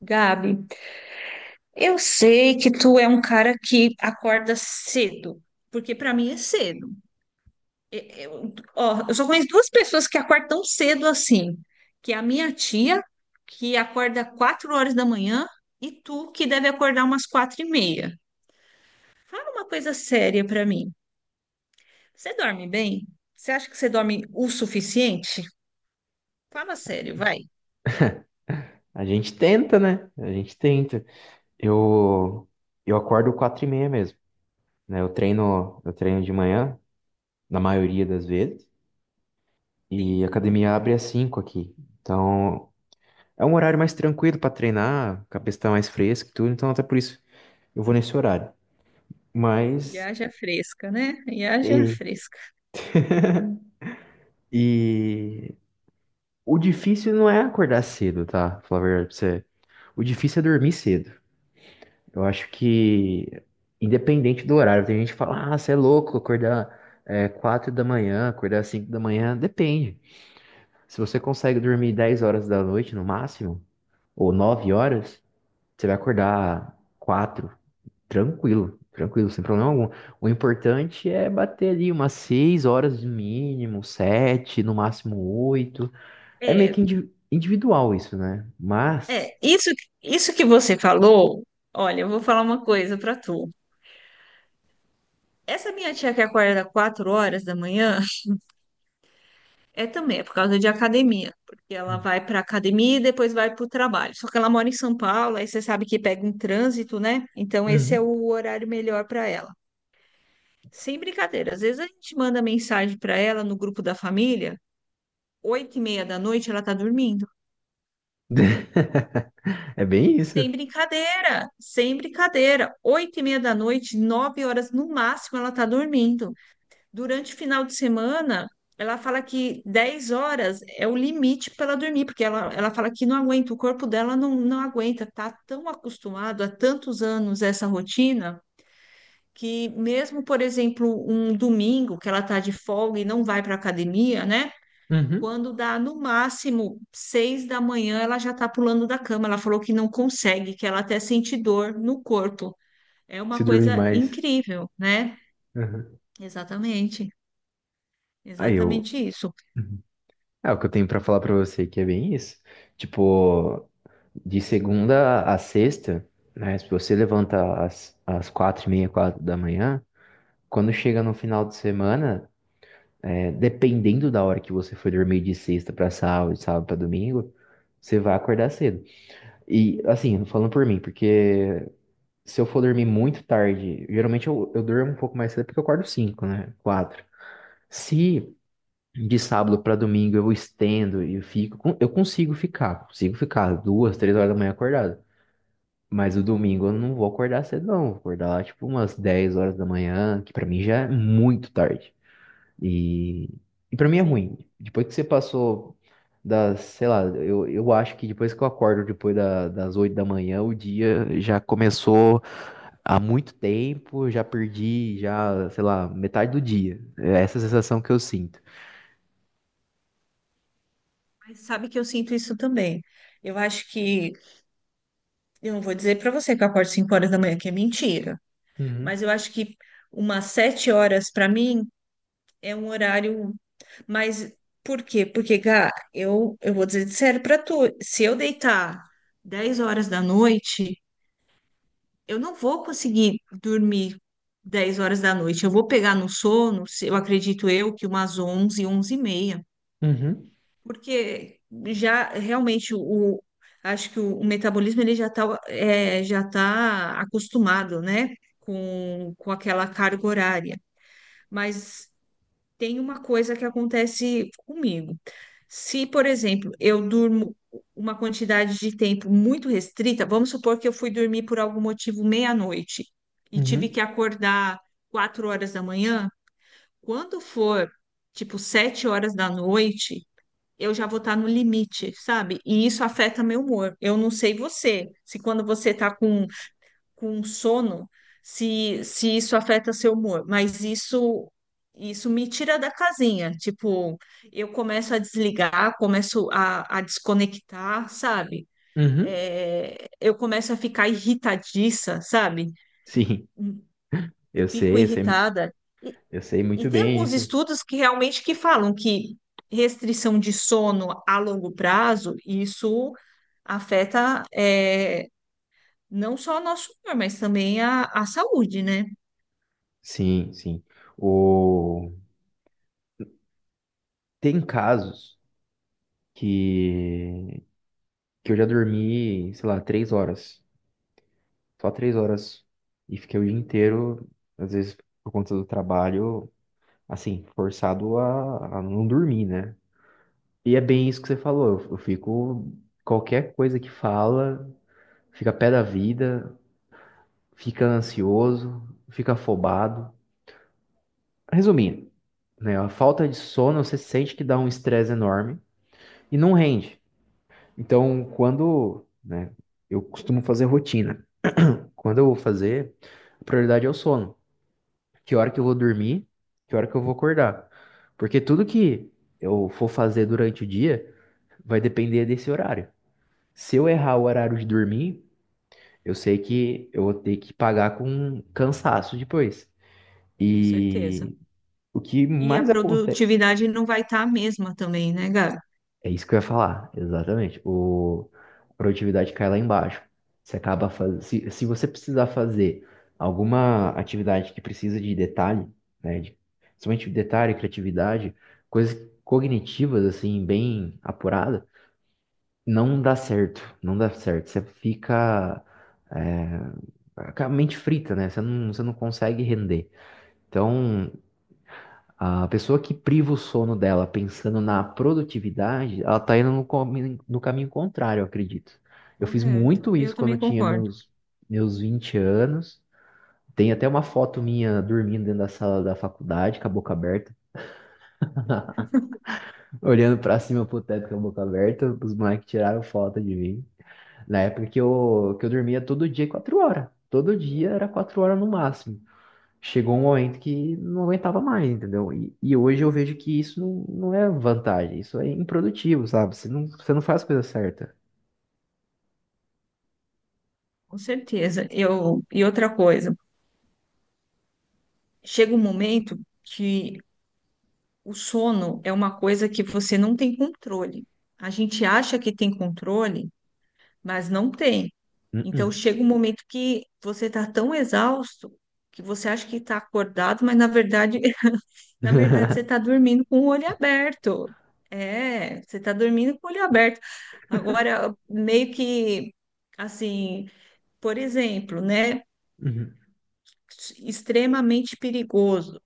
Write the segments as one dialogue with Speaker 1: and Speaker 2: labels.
Speaker 1: Gabi, eu sei que tu é um cara que acorda cedo, porque para mim é cedo. Eu, eu só conheço duas pessoas que acordam tão cedo assim, que é a minha tia, que acorda quatro horas da manhã, e tu, que deve acordar umas quatro e meia. Fala uma coisa séria para mim. Você dorme bem? Você acha que você dorme o suficiente? Fala sério, vai.
Speaker 2: A gente tenta, né? A gente tenta. Eu, eu acordo 4h30 mesmo, né? Eu treino de manhã, na maioria das vezes, e
Speaker 1: Sim,
Speaker 2: a academia abre às cinco aqui. Então, é um horário mais tranquilo para treinar, a cabeça tá mais fresca e tudo, então até por isso eu vou nesse horário.
Speaker 1: e
Speaker 2: Mas,
Speaker 1: haja fresca, né? E haja
Speaker 2: e,
Speaker 1: fresca.
Speaker 2: e o difícil não é acordar cedo, tá? Falar a verdade pra você. O difícil é dormir cedo. Eu acho que, independente do horário, tem gente que fala, ah, você é louco acordar 4 da manhã, acordar 5 da manhã, depende. Se você consegue dormir 10 horas da noite no máximo, ou 9 horas, você vai acordar 4 tranquilo, tranquilo, sem problema algum. O importante é bater ali umas 6 horas no mínimo, 7 no máximo 8. É meio
Speaker 1: É,
Speaker 2: que individual isso, né? Mas
Speaker 1: é, isso que você falou, olha, eu vou falar uma coisa pra tu. Essa minha tia que acorda 4 horas da manhã também é por causa de academia, porque ela vai pra academia e depois vai pro trabalho. Só que ela mora em São Paulo, aí você sabe que pega um trânsito, né? Então esse é
Speaker 2: Uhum,
Speaker 1: o horário melhor pra ela. Sem brincadeira, às vezes a gente manda mensagem pra ela no grupo da família, 8 e meia da noite ela tá dormindo.
Speaker 2: é bem isso.
Speaker 1: Sem brincadeira, sem brincadeira. Oito e meia da noite, nove horas no máximo, ela tá dormindo. Durante o final de semana, ela fala que 10 horas é o limite para ela dormir, porque ela fala que não aguenta, o corpo dela não aguenta, tá tão acostumado há tantos anos a essa rotina que mesmo, por exemplo, um domingo que ela tá de folga e não vai para academia, né?
Speaker 2: Uhum.
Speaker 1: Quando dá no máximo seis da manhã, ela já tá pulando da cama. Ela falou que não consegue, que ela até sente dor no corpo. É
Speaker 2: Se
Speaker 1: uma
Speaker 2: dormir
Speaker 1: coisa
Speaker 2: mais.
Speaker 1: incrível, né?
Speaker 2: Aham.
Speaker 1: Exatamente,
Speaker 2: Aí eu.
Speaker 1: exatamente isso.
Speaker 2: Uhum. É o que eu tenho pra falar pra você, que é bem isso. Tipo, de segunda a sexta, né? Se você levanta às 4h30, 4 da manhã, quando chega no final de semana, é, dependendo da hora que você foi dormir de sexta pra sábado, de sábado pra domingo, você vai acordar cedo. E, assim, falando por mim, porque se eu for dormir muito tarde, geralmente eu durmo um pouco mais cedo porque eu acordo cinco, né? Quatro. Se De sábado para domingo eu estendo e eu fico. Eu consigo ficar duas, três horas da manhã acordado. Mas o domingo eu não vou acordar cedo, não. Vou acordar lá tipo umas 10 horas da manhã, que para mim já é muito tarde. E, e para mim é
Speaker 1: Sim.
Speaker 2: ruim. Depois que você passou das, sei lá, eu acho que depois que eu acordo depois das 8 da manhã, o dia já começou há muito tempo, já perdi, já, sei lá, metade do dia. É essa a sensação que eu sinto.
Speaker 1: Mas sabe que eu sinto isso também. Eu acho que, eu não vou dizer para você que eu acordo 5 horas da manhã, que é mentira,
Speaker 2: Uhum,
Speaker 1: mas eu acho que umas 7 horas para mim é um horário. Mas por quê? Porque, Gá, eu vou dizer de sério para tu, se eu deitar 10 horas da noite, eu não vou conseguir dormir 10 horas da noite. Eu vou pegar no sono, eu acredito eu, que umas 11, 11 e meia.
Speaker 2: uhum.
Speaker 1: Porque já realmente o acho que o metabolismo ele já está já tá acostumado, né, com aquela carga horária. Mas tem uma coisa que acontece comigo. Se, por exemplo, eu durmo uma quantidade de tempo muito restrita, vamos supor que eu fui dormir por algum motivo meia-noite e tive
Speaker 2: Uhum.
Speaker 1: que acordar quatro horas da manhã, quando for tipo sete horas da noite eu já vou estar no limite, sabe? E isso afeta meu humor. Eu não sei você, se quando você está com sono, se isso afeta seu humor, mas isso me tira da casinha. Tipo, eu começo a desligar, começo a desconectar, sabe?
Speaker 2: Uhum.
Speaker 1: É, eu começo a ficar irritadiça, sabe?
Speaker 2: Sim,
Speaker 1: Hum,
Speaker 2: eu
Speaker 1: Fico
Speaker 2: sei, eu sei,
Speaker 1: irritada.
Speaker 2: eu sei
Speaker 1: E
Speaker 2: muito
Speaker 1: tem
Speaker 2: bem
Speaker 1: alguns
Speaker 2: isso.
Speaker 1: estudos que realmente que falam que restrição de sono a longo prazo, isso afeta é, não só o nosso humor, mas também a saúde, né?
Speaker 2: Sim, sim. O... Tem casos que... que eu já dormi, sei lá, 3 horas. Só 3 horas. E fiquei o dia inteiro, às vezes por conta do trabalho, assim, forçado a não dormir, né? E é bem isso que você falou. Eu fico. Qualquer coisa que fala, fica pé da vida, fica ansioso, fica afobado. Resumindo, né? A falta de sono, você sente que dá um estresse enorme e não rende. Então, quando, né, eu costumo fazer rotina. Quando eu vou fazer, a prioridade é o sono. Que hora que eu vou dormir, que hora que eu vou acordar. Porque tudo que eu for fazer durante o dia vai depender desse horário. Se eu errar o horário de dormir, eu sei que eu vou ter que pagar com cansaço depois.
Speaker 1: Com certeza.
Speaker 2: E o que
Speaker 1: E a
Speaker 2: mais acontece.
Speaker 1: produtividade não vai estar a mesma também, né, Gabi?
Speaker 2: É isso que eu ia falar, exatamente. O, a produtividade cai lá embaixo. Você acaba se você precisar fazer alguma atividade que precisa de detalhe, né, de, principalmente detalhe, criatividade, coisas cognitivas, assim, bem apurada, não dá certo, não dá certo. Você fica com a mente frita, né? Você não consegue render. Então, a pessoa que priva o sono dela pensando na produtividade, ela tá indo no caminho contrário, eu acredito. Eu fiz
Speaker 1: Correto.
Speaker 2: muito
Speaker 1: Eu
Speaker 2: isso quando
Speaker 1: também
Speaker 2: eu tinha
Speaker 1: concordo.
Speaker 2: meus 20 anos. Tem até uma foto minha dormindo dentro da sala da faculdade, com a boca aberta, olhando pra cima pro teto com a boca aberta. Os moleques tiraram foto de mim. Na época que eu dormia todo dia, 4 horas. Todo dia era 4 horas no máximo. Chegou um momento que não aguentava mais, entendeu? E hoje eu vejo que isso não é vantagem, isso é improdutivo, sabe? Você não faz a coisa certa.
Speaker 1: Com certeza. Eu, e outra coisa, chega um momento que o sono é uma coisa que você não tem controle. A gente acha que tem controle, mas não tem. Então
Speaker 2: Uh-uh.
Speaker 1: chega um momento que você está tão exausto que você acha que está acordado, mas na verdade, na verdade você está dormindo com o olho aberto. É, você está dormindo com o olho aberto. Agora, meio que assim, por exemplo, né?
Speaker 2: Uhum.
Speaker 1: Extremamente perigoso.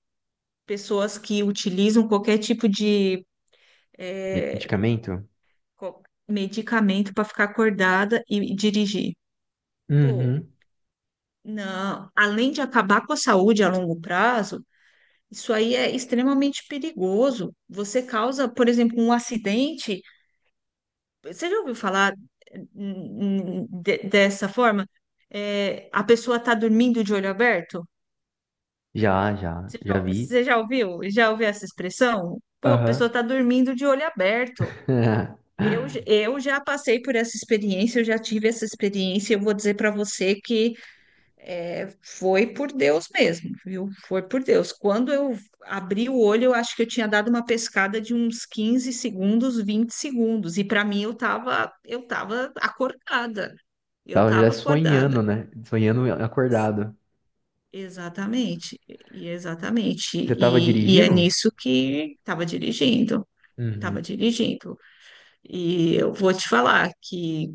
Speaker 1: Pessoas que utilizam qualquer tipo de é,
Speaker 2: Medicamento?
Speaker 1: co- medicamento para ficar acordada e dirigir. Pô,
Speaker 2: Uhum.
Speaker 1: não, além de acabar com a saúde a longo prazo, isso aí é extremamente perigoso. Você causa, por exemplo, um acidente. Você já ouviu falar dessa forma? É, a pessoa está dormindo de olho aberto?
Speaker 2: Já, já, já vi.
Speaker 1: Você já ouviu? Já ouviu essa expressão? Pô, a pessoa
Speaker 2: Aham.
Speaker 1: está dormindo de olho aberto. Eu já passei por essa experiência, eu já tive essa experiência. Eu vou dizer para você que é, foi por Deus mesmo, viu? Foi por Deus. Quando eu abri o olho, eu acho que eu tinha dado uma pescada de uns 15 segundos, 20 segundos, e para mim eu tava acordada. Eu
Speaker 2: Tava já
Speaker 1: tava acordada.
Speaker 2: sonhando, né? Sonhando
Speaker 1: Ex-
Speaker 2: acordado.
Speaker 1: Exatamente, e exatamente.
Speaker 2: Você tava
Speaker 1: E é
Speaker 2: dirigindo?
Speaker 1: nisso que estava dirigindo, estava
Speaker 2: Uhum.
Speaker 1: dirigindo. E eu vou te falar que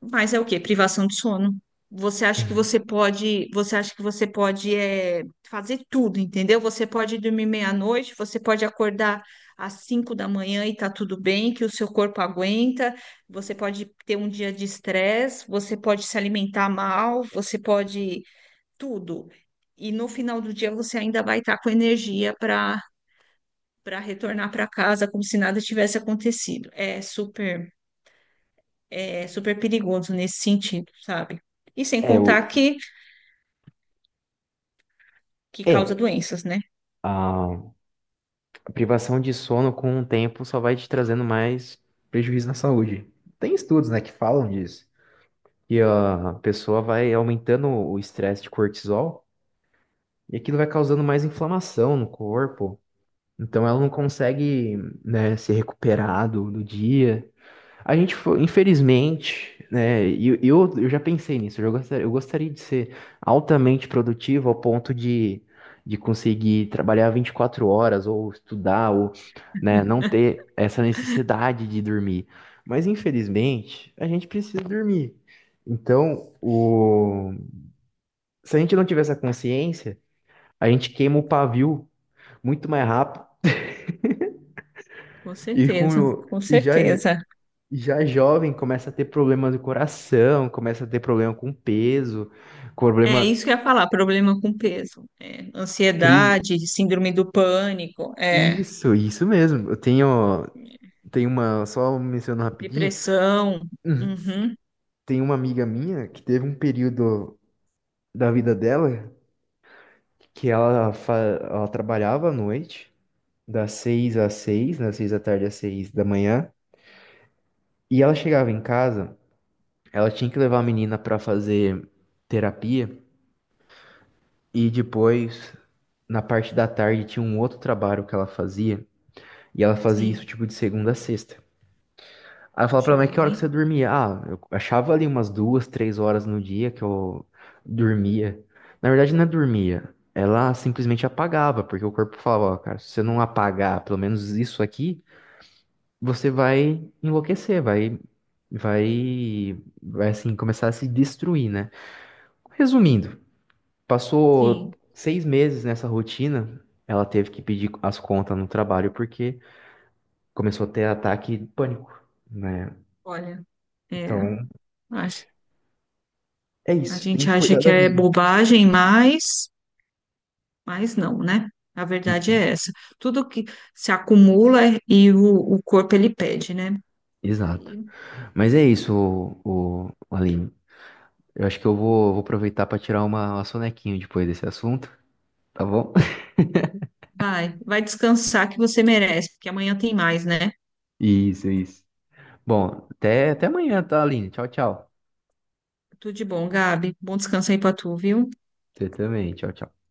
Speaker 1: mas é o quê? Privação de sono. Você acha que
Speaker 2: Uhum.
Speaker 1: você pode, você acha que você pode é, fazer tudo, entendeu? Você pode dormir meia-noite, você pode acordar às cinco da manhã e tá tudo bem, que o seu corpo aguenta, você pode ter um dia de estresse, você pode se alimentar mal, você pode tudo. E no final do dia você ainda vai estar com energia para para retornar para casa como se nada tivesse acontecido. É super perigoso nesse sentido, sabe? E sem
Speaker 2: É, o...
Speaker 1: contar que causa
Speaker 2: É.
Speaker 1: doenças, né?
Speaker 2: Ah. Privação de sono com o tempo só vai te trazendo mais prejuízo na saúde. Tem estudos, né, que falam disso. E a pessoa vai aumentando o estresse de cortisol e aquilo vai causando mais inflamação no corpo. Então ela não consegue, né, se recuperar do, do dia. A gente foi, infelizmente, né? E eu já pensei nisso. Eu gostaria de ser altamente produtivo ao ponto de conseguir trabalhar 24 horas ou estudar, ou, né, não ter essa necessidade de dormir. Mas infelizmente, a gente precisa dormir. Então, se a gente não tiver essa consciência, a gente queima o pavio muito mais rápido
Speaker 1: Com
Speaker 2: e,
Speaker 1: certeza,
Speaker 2: com...
Speaker 1: com
Speaker 2: e já
Speaker 1: certeza.
Speaker 2: já jovem começa a ter problema do coração, começa a ter problema com peso,
Speaker 1: É
Speaker 2: problema
Speaker 1: isso que eu ia falar, problema com peso, é,
Speaker 2: crise.
Speaker 1: ansiedade, síndrome do pânico, é,
Speaker 2: Isso mesmo. Eu tenho uma, só mencionando rapidinho,
Speaker 1: depressão.
Speaker 2: Uhum,
Speaker 1: Uhum,
Speaker 2: tem uma amiga minha que teve um período da vida dela que ela trabalhava à noite, das seis às seis, das seis da tarde às seis da manhã, e ela chegava em casa, ela tinha que levar a menina para fazer terapia. E depois, na parte da tarde, tinha um outro trabalho que ela fazia. E ela fazia isso
Speaker 1: sim,
Speaker 2: tipo de segunda a sexta. Aí eu falava pra
Speaker 1: poxa
Speaker 2: ela, mas que
Speaker 1: vida,
Speaker 2: hora que você
Speaker 1: hein?
Speaker 2: dormia? Ah, eu achava ali umas duas, três horas no dia que eu dormia. Na verdade, não é dormia. Ela simplesmente apagava, porque o corpo falava, ó, cara, se você não apagar pelo menos isso aqui, você vai enlouquecer, vai, vai, vai assim, começar a se destruir, né? Resumindo, passou
Speaker 1: Sim,
Speaker 2: 6 meses nessa rotina, ela teve que pedir as contas no trabalho porque começou a ter ataque de pânico, né?
Speaker 1: olha, é,
Speaker 2: Então,
Speaker 1: a,
Speaker 2: é
Speaker 1: a
Speaker 2: isso, tem
Speaker 1: gente
Speaker 2: que
Speaker 1: acha
Speaker 2: cuidar
Speaker 1: que
Speaker 2: da
Speaker 1: é
Speaker 2: vida.
Speaker 1: bobagem, mas não, né? A verdade é essa. Tudo que se acumula e o corpo ele pede, né?
Speaker 2: Exato.
Speaker 1: Aí
Speaker 2: Mas é isso, o Aline. Eu acho que eu vou aproveitar para tirar uma sonequinha depois desse assunto, tá bom?
Speaker 1: vai, vai descansar que você merece, porque amanhã tem mais, né?
Speaker 2: Isso, isso. Bom, até amanhã, tá, Aline? Tchau, tchau.
Speaker 1: Tudo de bom, Gabi. Bom descanso aí pra tu, viu?
Speaker 2: Você também, tchau, tchau.